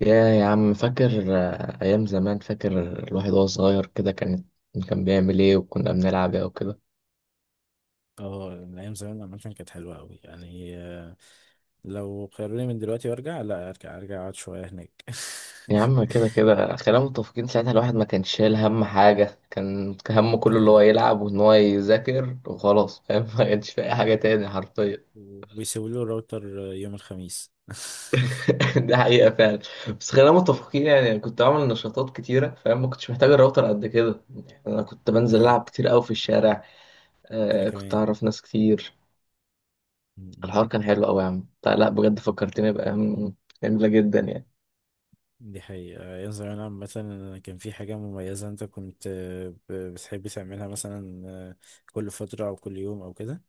يا عم فاكر، أيام زمان. فاكر الواحد وهو صغير كده، كان بيعمل إيه، وكنا بنلعب إيه وكده. اه، من ايام زمان الاماكن كانت حلوه قوي، يعني لو خيروني من دلوقتي وارجع، لا ارجع ارجع اقعد شويه هناك يا عم، كده كده خلينا متفقين، ساعتها الواحد ما كانش شايل هم حاجة. كان همه ده كله اللي هو حقيقي، يلعب، وإن هو يذاكر، وخلاص، فاهم؟ ما كانش في أي حاجة تاني حرفيا. ويسيبوا لي الراوتر يوم الخميس دي حقيقة فعلا. بس خلينا متفقين، يعني أنا كنت بعمل نشاطات كتيرة، فاهم؟ ما كنتش محتاج الراوتر قد كده. يعني أنا كنت بنزل اي، ألعب كتير أوي في الشارع. انا آه، كنت كمان. أعرف ناس كتير. م- م. الحوار كان حلو قوي يا عم، لا لا، بجد فكرتني بأيام جميلة جدا يعني. دي حقيقة، أيام زمان عامة. أنا كان في حاجة مميزة. أنت كنت، بتحب تعملها مثلا كل فترة أو كل يوم أو كده؟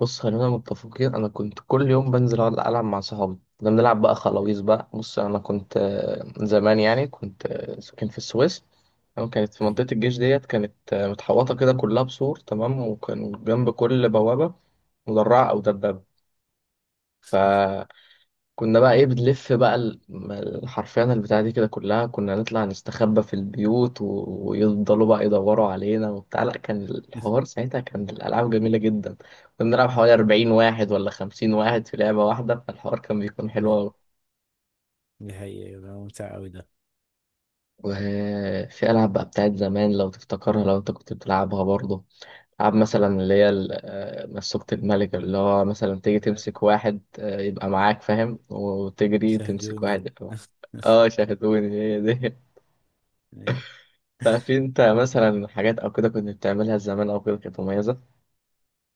بص، خلينا متفقين، أنا كنت كل يوم بنزل أقعد ألعب مع صحابي، كنا بنلعب بقى أيوة. خلاويص. بقى بص، أنا كنت زمان يعني، كنت ساكن في السويس، تمام؟ كانت في أيوة. منطقة الجيش ديت، كانت متحوطة كده كلها بسور، تمام، وكان جنب كل بوابة مدرعة أو أيوة. دبابة. ف كنا بقى ايه، بنلف بقى حرفيا البتاعة دي كده كلها، كنا نطلع نستخبى في البيوت و ويفضلوا بقى يدوروا علينا وبتاع. لا، كان الحوار ساعتها، كان الألعاب جميلة جدا. كنا بنلعب حوالي 40 واحد ولا 50 واحد في لعبة واحدة، فالحوار كان بيكون حلو أيوة. أوي. دي حقيقة، ده ممتع أوي ده. وفي ألعاب بقى بتاعت زمان، لو تفتكرها، لو أنت كنت بتلعبها برضه. ألعاب مثلا اللي هي مسوكة الملك، اللي هو مثلا تيجي أيوة. تمسك واحد يبقى معاك، فاهم؟ وتجري تمسك شاهدوني. واحد يبقى معاك. اه، شاهدوني، هي دي. أي. لا، في انت مثلا حاجات او كده كنت بتعملها زمان او كده كانت مميزه؟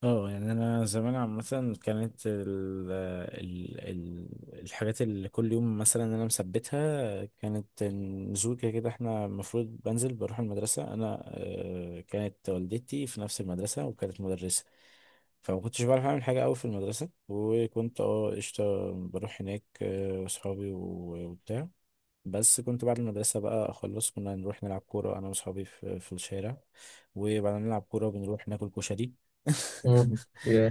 اه يعني انا زمان عامه، كانت ال الحاجات اللي كل يوم مثلا انا مثبتها، كانت نزول. كده كده احنا المفروض بنزل بروح المدرسه. انا كانت والدتي في نفس المدرسه وكانت مدرسه، فما كنتش بعرف اعمل حاجه قوي في المدرسه، وكنت اه قشطه بروح هناك واصحابي و- وبتاع. بس كنت بعد المدرسة بقى أخلص، كنا نروح نلعب كورة أنا وأصحابي في الشارع، وبعد ما نلعب كورة بنروح ناكل كشري. مم. Yeah.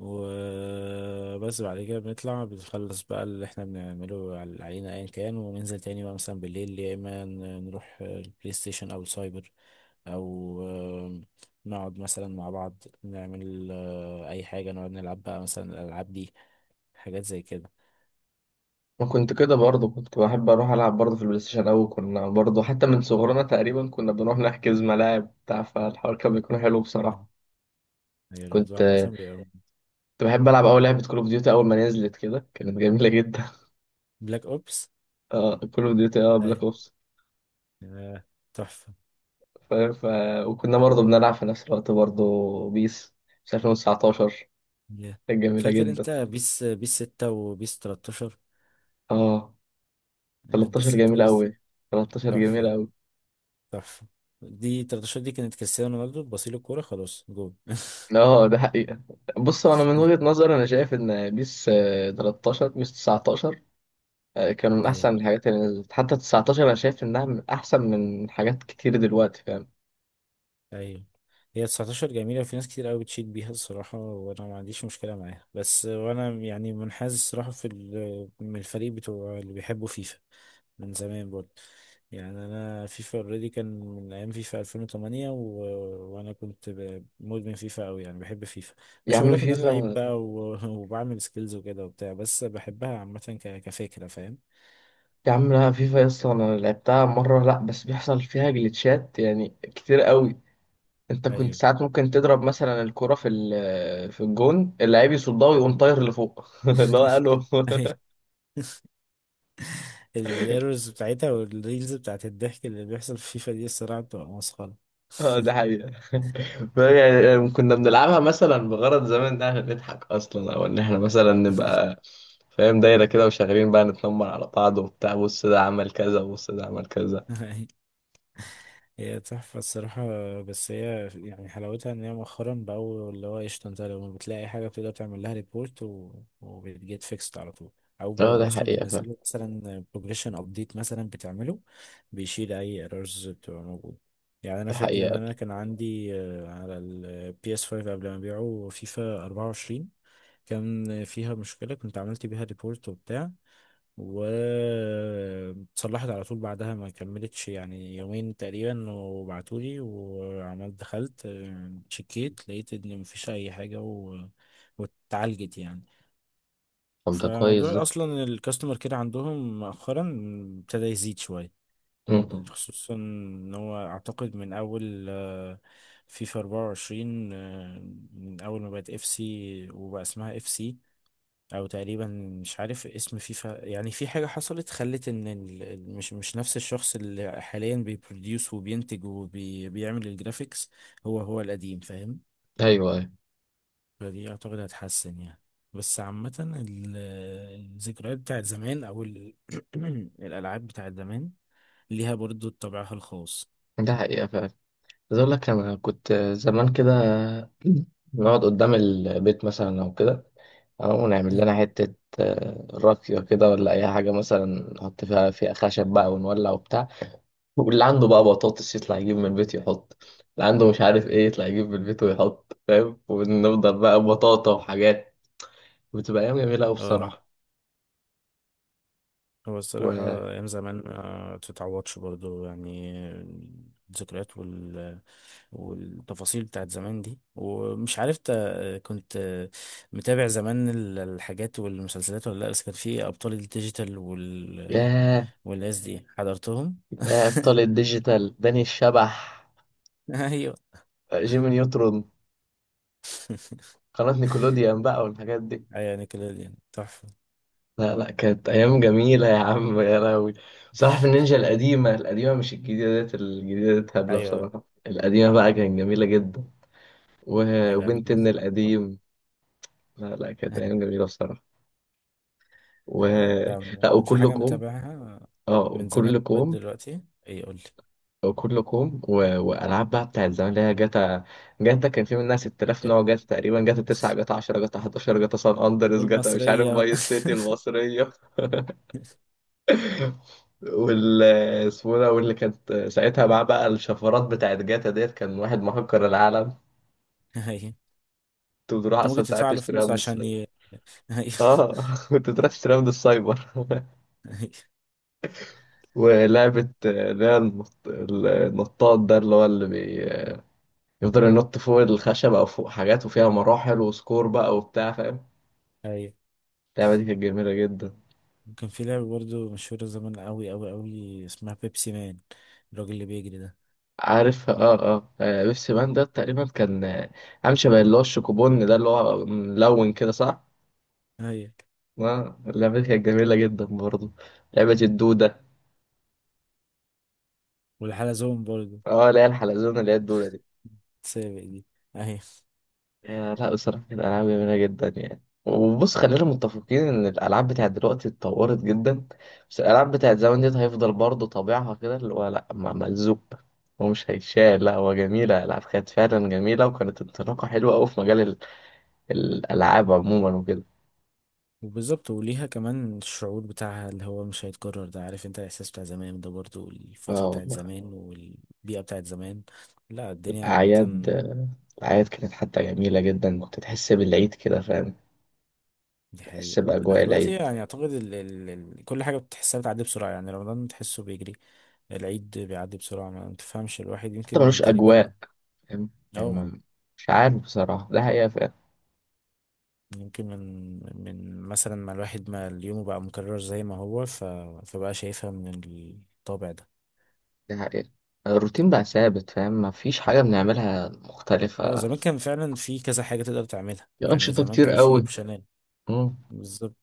وبس بعد كده بنطلع، بنخلص بقى اللي احنا بنعمله على العينة ايا كان، وننزل تاني بقى مثلا بالليل، يا اما نروح البلاي ستيشن او السايبر، او نقعد مثلا مع بعض، نعمل اي حاجة، نقعد نلعب بقى مثلا الالعاب دي، حاجات زي كده. ما كنت كده برضه، كنت بحب اروح العب برضه في البلاي ستيشن. او كنا برضه حتى من صغرنا تقريبا كنا بنروح نحجز ملاعب بتاع فالحوار كان بيكون حلو مم. بصراحه. هي كنت الموضوع مثلا بيبقى كنت بحب العب اول لعبه كول اوف ديوتي. اول ما نزلت كده كانت جميله جدا. بلاك اوبس. اه، كول اوف ديوتي، اه، بلاك اي اوبس. آه، تحفة. ف... ف... وكنا برضه بنلعب في نفس الوقت برضه بيس، في 2019، يا، كانت جميله فاكر جدا. انت بيس 6 وبيس 13؟ اه، بيس 13 6 جميله وبيس، قوي، 13 جميله تحفة. قوي. صح، دي 13 دي كانت كريستيانو رونالدو بصيل الكورة خلاص جول. اه، ده حقيقة. بص، انا من وجهة نظري انا شايف ان بيس 13، بيس 19، كانوا من ايوه، احسن الحاجات اللي نزلت. حتى 19 انا شايف انها من احسن من حاجات كتير دلوقتي، فاهم؟ ايوه، هي 19 جميلة، وفي ناس كتير قوي بتشيد بيها الصراحة، وانا ما عنديش مشكلة معاها، بس وانا يعني منحاز الصراحة في ال-، من الفريق بتوع اللي بيحبوا فيفا من زمان برضه. يعني انا فيفا اوريدي كان من ايام فيفا 2008. وانا كنت، مدمن فيفا قوي، يعني بحب فيفا. يا مش عم هقولك ان انا لعيب فيفا. بقى و... وبعمل سكيلز وكده وبتاع، بس بحبها عامة، كفكرة، فاهم؟ يا عم لا، فيفا يا اسطى انا لعبتها مرة، لا بس بيحصل فيها جليتشات يعني كتير قوي. انت كنت أيوه. ساعات ممكن تضرب مثلا الكرة في في الجون، اللاعب يصدها ويقوم طاير لفوق. اللي هو قاله. الايرورز بتاعتها والريلز بتاعت الضحك اللي بيحصل في فيفا دي الصراحة بتبقى مسخرة. اه، ده حقيقة. يعني كنا بنلعبها مثلا بغرض زمان ده عشان نضحك اصلا، او ان احنا مثلا نبقى فاهم، دايرة كده وشغالين بقى نتنمر على بعض وبتاع. بص ده عمل كذا، وبص ده عمل كذا. هي تحفة الصراحة. بس هي يعني حلاوتها ان هي مؤخرا بقوا اللي هو قشطة، انت لما بتلاقي حاجة بتقدر تعمل لها ريبورت، و... وبتجيت فيكست على طول، او اه، بقوا ده اصلا حقيقة فعلا. بينزلوا مثلا بروجريشن ابديت مثلا بتعمله، بيشيل اي ايرورز بتبقى موجودة. يعني انا ده فاكر ان حقيقة. انا كان عندي على البي اس 5 قبل ما ابيعه، فيفا 24 كان فيها مشكلة، كنت عملت بيها ريبورت وبتاع، واتصلحت على طول بعدها، ما كملتش يعني يومين تقريبا وبعتولي، وعملت دخلت شكيت، لقيت ان مفيش اي حاجة، و... واتعالجت يعني. طب ده كويس ده. فموضوع اصلا الكاستمر كير عندهم مؤخرا ابتدى يزيد شوية، م-م. خصوصا ان هو اعتقد من اول فيفا 24 من اول ما بقت اف سي وبقى اسمها اف سي، او تقريبا مش عارف اسم فيفا. يعني في حاجة حصلت خلت ان ال...، ال- مش نفس الشخص اللي حاليا بيبروديوس وبينتج وبيعمل الجرافيكس، هو هو القديم، فاهم؟ ايوه، ايوه. فدي اعتقد هتحسن يعني. بس عامة ال- الذكريات بتاعت زمان، او ال... الالعاب بتاعت زمان ليها برضو طابعها الخاص. ده حقيقة فعلا. عايز اقول لك، انا كنت زمان كده نقعد قدام البيت مثلا او كده، او نعمل مم. لنا حتة راقية كده ولا اي حاجة مثلا. نحط فيها خشب بقى ونولع وبتاع، واللي عنده بقى بطاطس يطلع يجيب من البيت يحط، اللي عنده مش عارف ايه يطلع يجيب من البيت ويحط، فاهم؟ ونفضل بقى بطاطا وحاجات، بتبقى أيام جميلة أوي اه، بصراحة. هو و الصراحة أيام زمان ما تتعوضش برضو يعني. الذكريات وال... والتفاصيل بتاعت زمان دي، ومش عارف، كنت متابع زمان ال- الحاجات والمسلسلات ولا لأ؟ بس كان في أبطال الديجيتال وال... ياه، والناس دي حضرتهم. يا أبطال الديجيتال، داني الشبح، أيوة. جيمي نيوترون، قناة نيكولوديان بقى والحاجات دي. أيوة، نيكلوديان تحفة. لا لا، كانت أيام جميلة يا عم، يا لهوي. صراحة، في النينجا القديمة القديمة، مش الجديدة ديت، الجديدة ديت هبلة أيوة، بصراحة، القديمة بقى كانت جميلة جدا. يا و القديم وبنت إن مسرح طب. القديم. لا لا، كانت أيام أيوة. جميلة بصراحة. و أنت لا، كان في وكله حاجة كوم. متابعها اه، من زمان وكله لغاية كوم. دلوقتي؟ إيه، قول لي. وكله كوم والعاب بقى بتاعت زمان اللي هي جاتا. جاتا كان في منها 6000 نوع جاتا تقريبا، جاتا 9، جاتا 10، جاتا 11، جاتا سان اندرس، جاتا مش عارف، والمصرية. فايس سيتي المصريه. وال اسمه ده، واللي كانت ساعتها معاه بقى الشفرات بتاعت جاتا ديت، كان واحد مهكر العالم. أيوة. كنت بتروح أنت ممكن اصلا ساعات تدفع له تشتريها فلوس من عشان السايبر. أيوة. اه، كنت بتروح تشتريها من السايبر. أيوة. ولعبة اللي هي النطاط ده، اللي هو اللي يفضل ينط فوق الخشب او فوق حاجات، وفيها مراحل وسكور بقى وبتاع، فاهم؟ أيوة اللعبه دي كانت جميله جدا. كان في لعبة برضه مشهورة زمان، أوي أوي أوي، اسمها بيبسي مان، الراجل اللي بيجري ده. عارف، اه، بيبسي مان ده تقريبا كان عامل شبه اللي هو الشوكوبون ده، اللي هو ملون كده، صح؟ أيوة. اه، اللعبه دي كانت جميله جدا برضه. لعبه الدوده. والحلزون برضه، اه، اللي هي الحلزونه، اللي هي الدوده دي. سابق دي. أيوة. يا لا، بصراحة كانت ألعاب جميلة جدا يعني. وبص، خلينا متفقين إن الألعاب بتاعت دلوقتي اتطورت جدا، بس الألعاب بتاعت زمان ديت هيفضل برضه طابعها كده، اللي هو لأ، ملزوق، هو مش هيتشال. لأ، هو جميلة، الألعاب كانت فعلا جميلة، وكانت انطلاقة حلوة أوي في مجال الألعاب عموما وكده. وبالظبط، وليها كمان الشعور بتاعها اللي هو مش هيتكرر ده، عارف أنت الإحساس بتاع زمان ده برضه، اه والفترة بتاعت والله. زمان، والبيئة بتاعت زمان. لا، الدنيا عامة. الأعياد الأعياد كانت حتى جميلة جدا، كنت تحس بالعيد كده، فاهم؟ دي تحس حقيقة، ده بأجواء دلوقتي العيد. يعني أعتقد ال... ال... ال... كل حاجة بتحسها بتعدي بسرعة، يعني رمضان تحسه بيجري، العيد بيعدي بسرعة ما تفهمش، الواحد حتى يمكن ملوش تقريبا، أجواء، فاهم؟ يعني أو ما- مش عارف بصراحة، ده حقيقة. يمكن من مثلا ما اليوم بقى مكرر زي ما هو، ف... فبقى شايفها من الطابع ده. ده حقيقة. الروتين بقى ثابت، فاهم؟ مفيش حاجة بنعملها هو مختلفة. زمان كان فعلا في كذا حاجة تقدر تعملها، في يعني أنشطة زمان كتير كان في قوي. اوبشنات، مم. بالظبط.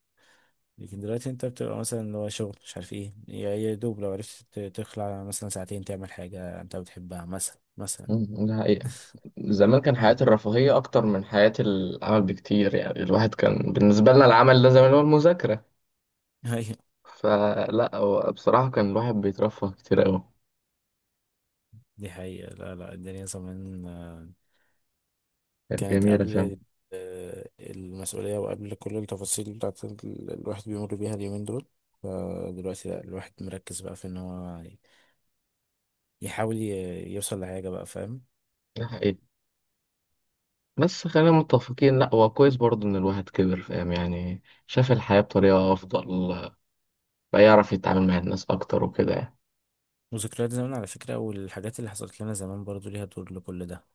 لكن دلوقتي انت بتبقى مثلا اللي هو شغل مش عارف ايه، يا دوب لو عرفت تخلع مثلا ساعتين تعمل حاجة انت بتحبها مثلا، مثلا. مم. ده حقيقة. زمان كان حياة الرفاهية أكتر من حياة العمل بكتير، يعني الواحد كان بالنسبة لنا العمل ده زمان هو المذاكرة. ايوه. فلا، هو بصراحة كان الواحد بيترفه كتير أوي، دي حقيقة، لا لا الدنيا زمان كانت كانت جميلة، قبل ال- فاهم؟ المسؤولية، وقبل كل التفاصيل بتاعت ال- الواحد بيمر بيها اليومين دول، فدلوقتي لا، الواحد مركز بقى في ان هو يحاول يوصل لحاجة بقى، فاهم؟ ده حقيقي. بس خلينا متفقين، لا هو كويس برضه إن الواحد كبر، فاهم؟ يعني شاف الحياة بطريقة أفضل، بقى يعرف يتعامل مع الناس أكتر وكده يعني. وذكريات زمان على فكرة، والحاجات اللي حصلت لنا زمان برضو ليها دور لكل ده.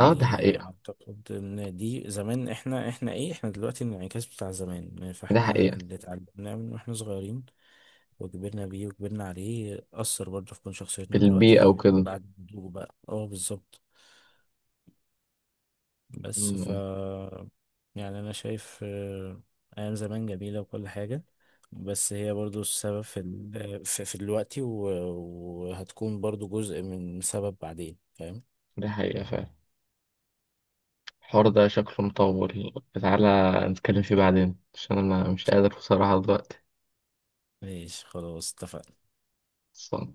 اه، ده حقيقة. اعتقد ان دي زمان احنا، احنا ايه احنا دلوقتي الانعكاس بتاع زمان، ده فاحنا حقيقة. اللي اتعلمناه من واحنا صغيرين وكبرنا بيه وكبرنا عليه أثر برضه في كون شخصيتنا البيئة دلوقتي وكده. بعد النضوج بقى، اه بالظبط. بس ف، مم. يعني انا شايف ايام زمان جميله وكل حاجه، بس هي برضو السبب في ال... في دلوقتي، و... وهتكون برضو جزء من سبب بعدين، فاهم؟ دي حقيقة فعلا. الحوار ده شكله مطول، تعالى نتكلم فيه بعدين، عشان أنا مش قادر بصراحة دلوقتي. ماشي، خلاص اتفقنا. صح.